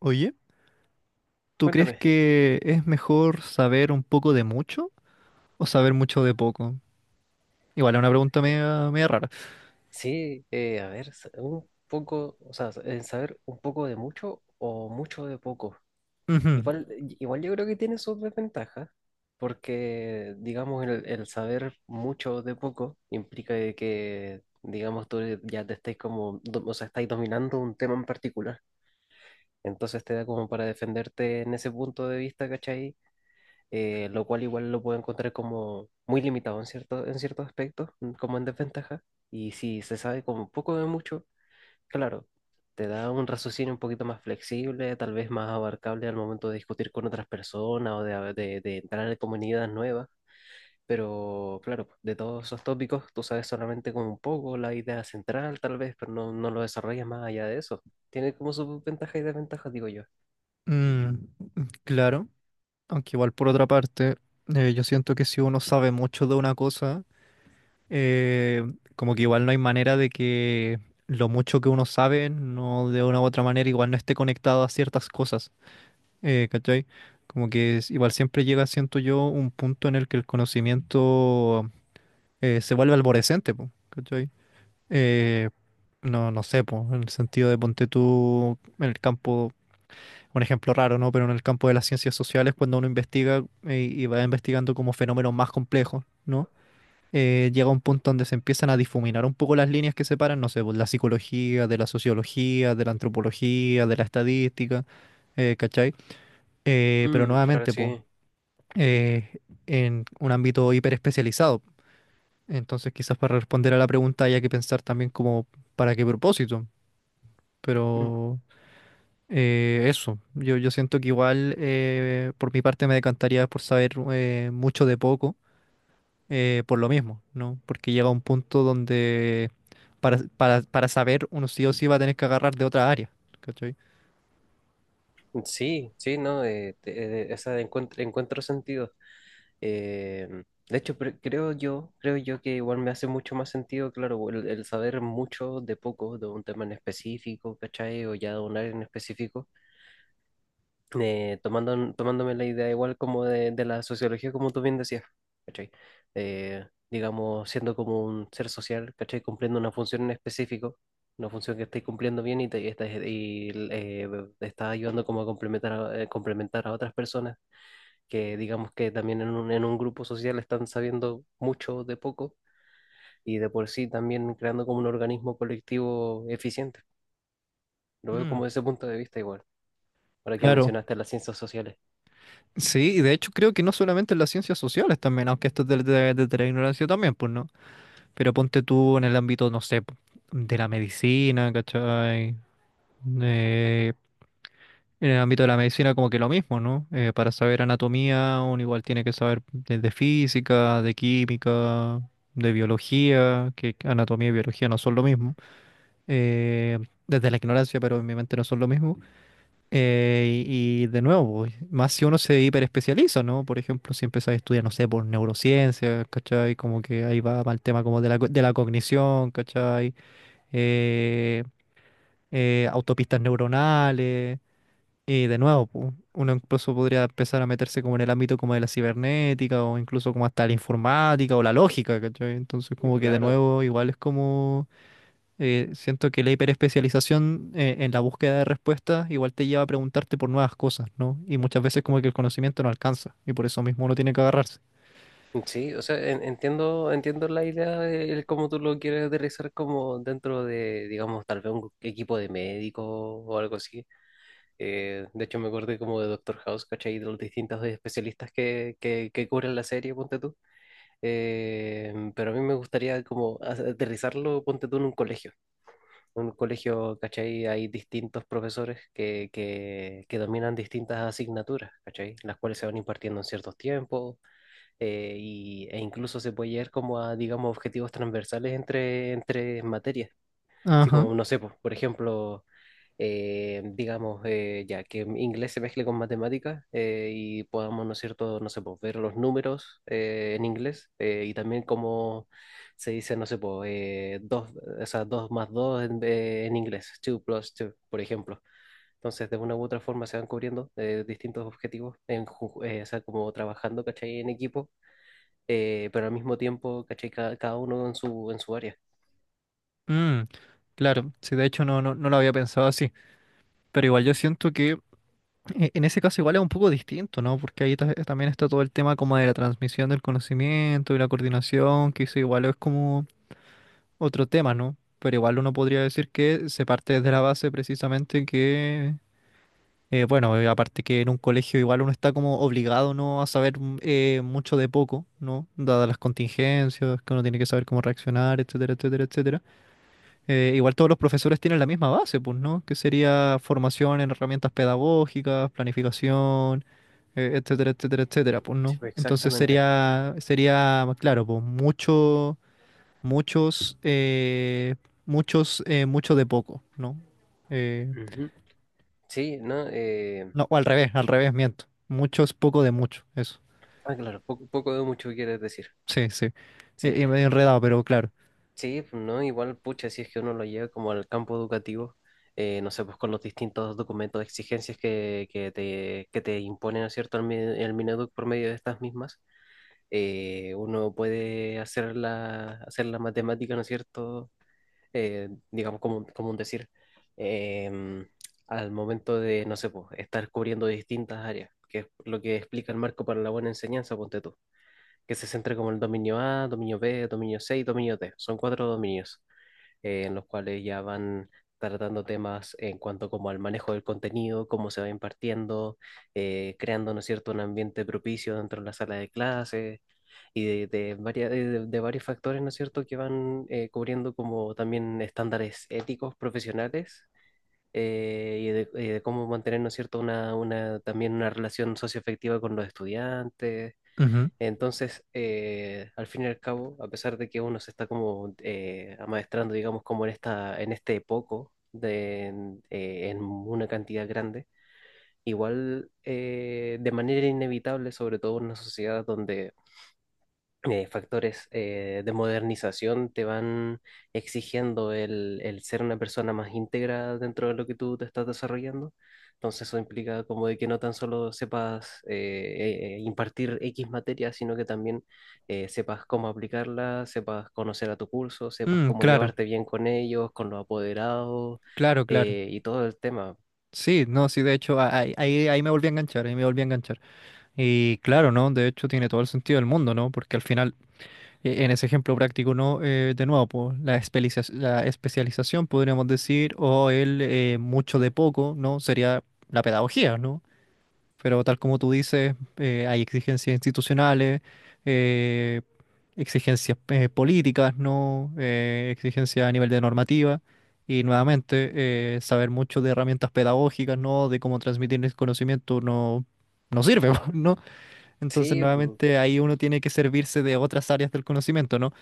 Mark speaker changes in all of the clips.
Speaker 1: Oye, ¿tú crees
Speaker 2: Cuéntame.
Speaker 1: que es mejor saber un poco de mucho o saber mucho de poco? Igual es una pregunta media rara.
Speaker 2: Sí, a ver, un poco, o sea, en saber un poco de mucho o mucho de poco.
Speaker 1: Ujú.
Speaker 2: Igual, igual yo creo que tiene sus desventajas, porque, digamos, el saber mucho de poco implica de que, digamos, tú ya te estáis como, o sea, estáis dominando un tema en particular. Entonces te da como para defenderte en ese punto de vista, ¿cachai? Lo cual igual lo puedo encontrar como muy limitado en cierto, en ciertos aspectos, como en desventaja. Y si se sabe como poco de mucho, claro, te da un raciocinio un poquito más flexible, tal vez más abarcable al momento de discutir con otras personas o de entrar en comunidades nuevas. Pero claro, de todos esos tópicos tú sabes solamente como un poco la idea central, tal vez, pero no, no lo desarrollas más allá de eso. Tiene como sus ventajas y desventajas, digo yo.
Speaker 1: mm, claro, aunque igual por otra parte, yo siento que si uno sabe mucho de una cosa, eh, como que igual no hay manera de que lo mucho que uno sabe, no de una u otra manera, igual no esté conectado a ciertas cosas, ¿cachai? Como que igual siempre llega, siento yo, un punto en el que el conocimiento se vuelve alborescente, po, ¿cachai? Eh, no sé, po, en el sentido de ponte tú en el campo, un ejemplo raro, ¿no? Pero en el campo de las ciencias sociales, cuando uno investiga y va investigando como fenómenos más complejos, ¿no? Llega un punto donde se empiezan a difuminar un poco las líneas que separan, no sé, pues, la psicología, de la sociología, de la antropología, de la estadística, ¿cachai? Pero
Speaker 2: Mm, claro,
Speaker 1: nuevamente,
Speaker 2: sí.
Speaker 1: pues, en un ámbito hiperespecializado. Entonces, quizás para responder a la pregunta haya que pensar también como para qué propósito. Pero eso, yo siento que igual por mi parte me decantaría por saber mucho de poco, por lo mismo, ¿no? Porque llega un punto donde para saber uno sí o sí va a tener que agarrar de otra área, ¿cachai?
Speaker 2: Sí, sí, no, esa de encuentro sentido. Eh, de hecho, creo yo que igual me hace mucho más sentido, claro, el saber mucho de poco, de un tema en específico, ¿cachai? O ya de un área en específico, tomándome la idea igual como de la sociología, como tú bien decías, ¿cachai? Digamos, siendo como un ser social, ¿cachai? Cumpliendo una función en específico, una función que estáis cumpliendo bien y te está ayudando como a complementar a otras personas que digamos que también en un grupo social están sabiendo mucho de poco y de por sí también creando como un organismo colectivo eficiente. Lo veo
Speaker 1: Mm.
Speaker 2: como desde ese punto de vista igual, ahora que
Speaker 1: Claro,
Speaker 2: mencionaste las ciencias sociales.
Speaker 1: sí, y de hecho creo que no solamente en las ciencias sociales también, aunque esto es de la ignorancia también, pues no, pero ponte tú en el ámbito, no sé, po, de la medicina, ¿cachai? Eh, En el ámbito de la medicina como que lo mismo, ¿no? Para saber anatomía, uno igual tiene que saber de física, de química, de biología, que anatomía y biología no son lo mismo. Eh, desde la ignorancia, pero obviamente no son lo mismo. Y de nuevo, pues, más si uno se hiperespecializa, ¿no? Por ejemplo, si empiezas a estudiar, no sé, por neurociencia, ¿cachai? Como que ahí va el tema como de la, de la cognición, ¿cachai? Eh, autopistas neuronales, y de nuevo, pu, uno incluso podría empezar a meterse como en el ámbito como de la cibernética o incluso como hasta la informática o la lógica, ¿cachai? Entonces como que de
Speaker 2: Claro.
Speaker 1: nuevo igual es como, siento que la hiperespecialización en la búsqueda de respuestas igual te lleva a preguntarte por nuevas cosas, ¿no? Y muchas veces como que el conocimiento no alcanza y por eso mismo uno tiene que agarrarse.
Speaker 2: Sí, o sea, entiendo la idea de el cómo tú lo quieres aterrizar como dentro de, digamos, tal vez un equipo de médicos o algo así. De hecho, me acordé como de Doctor House, ¿cachai? De los distintos especialistas que cubren la serie, ponte tú. Pero a mí me gustaría como aterrizarlo, ponte tú en un colegio. En un colegio, ¿cachai? Hay distintos profesores que dominan distintas asignaturas, ¿cachai? Las cuales se van impartiendo en ciertos tiempos, e incluso se puede llegar como a, digamos, objetivos transversales entre materias. Así
Speaker 1: Ajá.
Speaker 2: como, no sé, pues, por ejemplo, digamos, ya que inglés se mezcle con matemáticas, y podamos, ¿no es cierto?, no sé, pues, ver los números, en inglés, y también cómo se dice, no sé, pues, dos, o sea, dos más dos en inglés, two plus two, por ejemplo. Entonces, de una u otra forma se van cubriendo, distintos objetivos, o sea, como trabajando, ¿cachai?, en equipo, pero al mismo tiempo, ¿cachai? Cada uno en su área.
Speaker 1: Mm, claro, sí, de hecho no lo había pensado así, pero igual yo siento que en ese caso igual es un poco distinto, ¿no? Porque ahí también está todo el tema como de la transmisión del conocimiento y la coordinación, que eso igual es como otro tema, ¿no? Pero igual uno podría decir que se parte desde la base precisamente que, bueno, aparte que en un colegio igual uno está como obligado, ¿no? A saber mucho de poco, ¿no? Dadas las contingencias, que uno tiene que saber cómo reaccionar, etcétera, etcétera, etcétera. Igual todos los profesores tienen la misma base, pues, ¿no? Que sería formación en herramientas pedagógicas, planificación, etcétera, etcétera, etcétera, pues,
Speaker 2: Sí,
Speaker 1: ¿no?
Speaker 2: pues,
Speaker 1: Entonces
Speaker 2: exactamente.
Speaker 1: sería, claro, pues, mucho, muchos, muchos, mucho de poco, ¿no? Eh,
Speaker 2: Ujú. Sí, ¿no? Eh,
Speaker 1: no, o al revés, miento. Muchos, poco de mucho, eso.
Speaker 2: ah, claro, poco, poco de mucho quieres decir.
Speaker 1: Sí, sí.
Speaker 2: Sí,
Speaker 1: Medio enredado, pero claro.
Speaker 2: sí, pues, ¿no? Igual, pucha, si es que uno lo lleva como al campo educativo, no sé, pues con los distintos documentos de exigencias que te imponen, ¿no es cierto?, el Mineduc por medio de estas mismas, uno puede hacer la matemática, ¿no es cierto?, digamos, como un decir, eh, al momento de, no sé, pues, estar cubriendo distintas áreas, que es lo que explica el marco para la buena enseñanza, ponte tú, que se centra como el dominio A, dominio B, dominio C y dominio D. Son cuatro dominios, en los cuales ya van tratando temas en cuanto como al manejo del contenido, cómo se va impartiendo, creando, ¿no es cierto?, un ambiente propicio dentro de la sala de clases y de varios factores, ¿no es cierto?, que van, cubriendo como también estándares éticos, profesionales, y de cómo mantener, ¿no es cierto?, también una relación socioafectiva con los estudiantes.
Speaker 1: Ujú.
Speaker 2: Entonces, al fin y al cabo, a pesar de que uno se está como, amaestrando, digamos, como en esta, en este poco, de, en una cantidad grande, igual, de manera inevitable, sobre todo en una sociedad donde, factores, de modernización te van exigiendo el ser una persona más íntegra dentro de lo que tú te estás desarrollando. Entonces eso implica como de que no tan solo sepas, impartir X materia, sino que también, sepas cómo aplicarla, sepas conocer a tu curso, sepas
Speaker 1: Mm,
Speaker 2: cómo
Speaker 1: claro,
Speaker 2: llevarte bien con ellos, con los apoderados,
Speaker 1: claro, claro.
Speaker 2: y todo el tema.
Speaker 1: Sí, no, sí, de hecho, ahí me volví a enganchar, ahí me volví a enganchar. Y claro, ¿no? De hecho, tiene todo el sentido del mundo, ¿no? Porque al final, en ese ejemplo práctico, ¿no? De nuevo, pues, la la especialización, podríamos decir, o el mucho de poco, ¿no? Sería la pedagogía, ¿no? Pero tal como tú dices, hay exigencias institucionales, eh, exigencias políticas, ¿no? Exigencias a nivel de normativa. Y nuevamente, saber mucho de herramientas pedagógicas, ¿no? De cómo transmitir el conocimiento no sirve, ¿no? Entonces,
Speaker 2: Sí. Mm,
Speaker 1: nuevamente, ahí uno tiene que servirse de otras áreas del conocimiento, ¿no?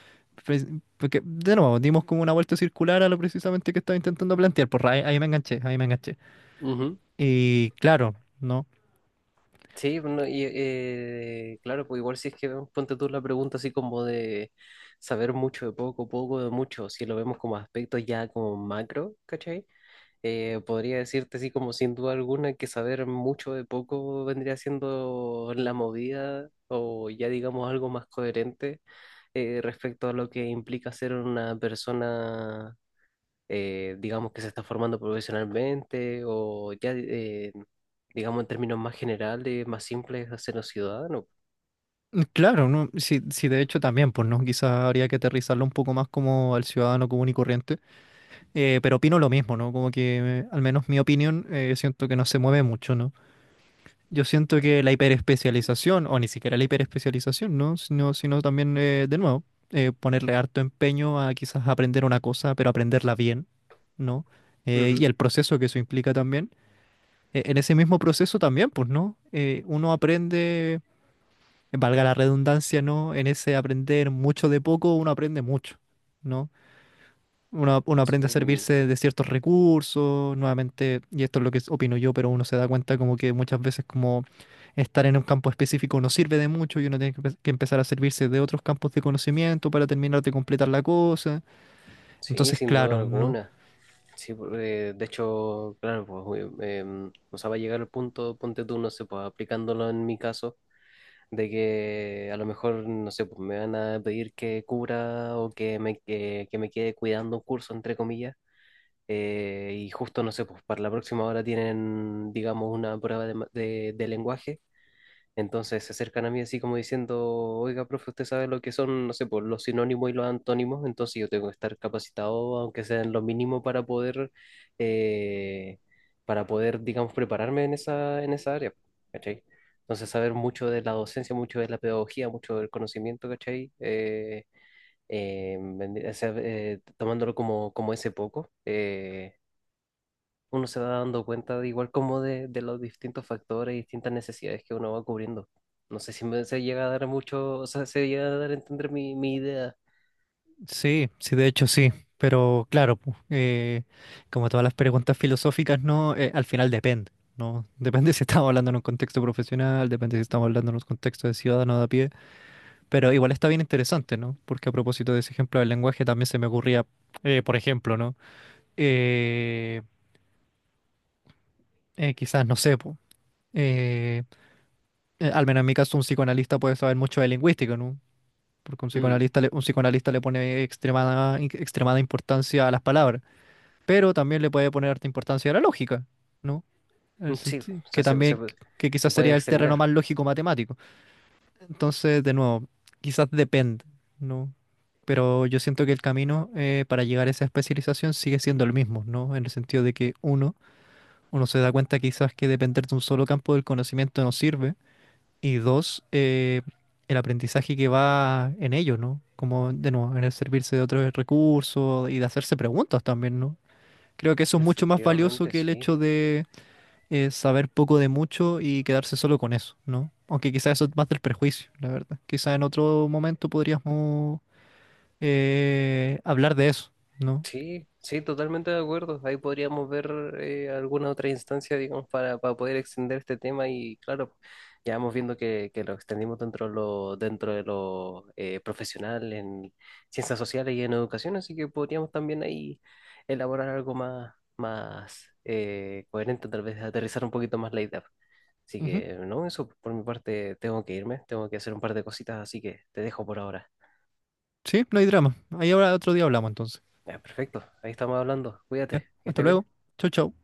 Speaker 1: Pues, porque, de nuevo, dimos como una vuelta circular a lo precisamente que estaba intentando plantear. Por ahí, ahí me enganché, ahí me enganché.
Speaker 2: ujú.
Speaker 1: Y claro, ¿no?
Speaker 2: Sí, bueno, y, claro, pues igual si es que vemos, ponte tú la pregunta así como de saber mucho de poco, poco de mucho, si lo vemos como aspectos ya como macro, ¿cachai? Podría decirte así como sin duda alguna que saber mucho de poco vendría siendo la movida o ya digamos algo más coherente, respecto a lo que implica ser una persona, digamos que se está formando profesionalmente o ya, digamos en términos más generales, más simples, hacernos ciudadanos.
Speaker 1: Mm. Claro, ¿no? Sí, sí, de hecho también, pues, ¿no? Quizás habría que aterrizarlo un poco más como al ciudadano común y corriente. Pero opino lo mismo, ¿no? Como que, al menos mi opinión, siento que no se mueve mucho, ¿no? Yo siento que la hiperespecialización, o ni siquiera la hiperespecialización, ¿no? Sino también, de nuevo, ponerle harto empeño a quizás aprender una cosa, pero aprenderla bien, ¿no? Y
Speaker 2: Ujú.
Speaker 1: el proceso que eso implica también. En ese mismo proceso también, pues, ¿no? Uno aprende, valga la redundancia, ¿no? En ese aprender mucho de poco, uno aprende mucho, ¿no? Uno aprende a
Speaker 2: Sí, mm,
Speaker 1: servirse de ciertos recursos, nuevamente, y esto es lo que opino yo, pero uno se da cuenta como que muchas veces como estar en un campo específico no sirve de mucho y uno tiene que empezar a servirse de otros campos de conocimiento para terminar de completar la cosa.
Speaker 2: sí,
Speaker 1: Entonces,
Speaker 2: sin duda
Speaker 1: claro, ¿no?
Speaker 2: alguna. Sí, de hecho, claro, pues, o sea, va a llegar el punto, ponte tú, no sé, pues aplicándolo en mi caso, de que a lo mejor, no sé, pues me van a pedir que cubra o que me quede cuidando un curso, entre comillas. Y justo, no sé, pues para la próxima hora tienen, digamos, una prueba de lenguaje. Entonces se acercan a mí así como diciendo, oiga, profe, usted sabe lo que son, no sé, pues los sinónimos y los antónimos, entonces yo tengo que estar capacitado, aunque sea en lo mínimo, eh, para poder, digamos, prepararme en esa área, ¿cachai? Entonces saber mucho de la docencia, mucho de la pedagogía, mucho del conocimiento, ¿cachai? O sea, tomándolo como ese poco. Uno se va dando cuenta de igual como de los distintos factores y distintas necesidades que uno va cubriendo. No sé si se llega a dar mucho, o sea, se llega a dar a entender mi idea.
Speaker 1: Sí, sí, de hecho sí, pero claro, pu, como todas las preguntas filosóficas, ¿no? Al final depende, ¿no? Depende si estamos hablando en un contexto profesional, depende si estamos hablando en un contexto de ciudadano de a pie. Pero igual está bien interesante, ¿no? Porque a propósito de ese ejemplo del lenguaje también se me ocurría, por ejemplo, ¿no? Eh, quizás, no sé, po, eh, al menos en mi caso un psicoanalista puede saber mucho de lingüística, ¿no? Porque
Speaker 2: Mm,
Speaker 1: un psicoanalista le pone extremada, extremada importancia a las palabras, pero también le puede poner harta importancia a la lógica, ¿no?
Speaker 2: mm, sí, o sea,
Speaker 1: Que también, que
Speaker 2: se
Speaker 1: quizás
Speaker 2: puede
Speaker 1: sería el terreno
Speaker 2: extender.
Speaker 1: más lógico matemático. Entonces, de nuevo, quizás depende, ¿no? Pero yo siento que el camino para llegar a esa especialización sigue siendo el mismo, ¿no? En el sentido de que uno se da cuenta quizás que depender de un solo campo del conocimiento no sirve. Y dos, el aprendizaje que va en ello, ¿no? Como, de nuevo, en el servirse de otros recursos y de hacerse preguntas también, ¿no? Creo que eso es mucho más valioso
Speaker 2: Efectivamente,
Speaker 1: que el
Speaker 2: sí.
Speaker 1: hecho de es saber poco de mucho y quedarse solo con eso, ¿no? Aunque quizás eso es más del prejuicio, la verdad. Quizás en otro momento podríamos hablar de eso, ¿no?
Speaker 2: Sí, sí, totalmente de acuerdo. Ahí podríamos ver, alguna otra instancia, digamos, para poder extender este tema y claro, ya vamos viendo que lo extendimos dentro de lo, profesional en ciencias sociales y en educación, así que podríamos también ahí elaborar algo más, coherente, tal vez aterrizar un poquito más la idea. Así
Speaker 1: Ujú.
Speaker 2: que no, eso por mi parte tengo que irme, tengo que hacer un par de cositas, así que te dejo por ahora.
Speaker 1: Sí, no hay drama. Ahí ahora otro día hablamos entonces.
Speaker 2: Ya, perfecto, ahí estamos hablando.
Speaker 1: Ya,
Speaker 2: Cuídate, que
Speaker 1: hasta
Speaker 2: estés bien.
Speaker 1: luego. Chau, chau.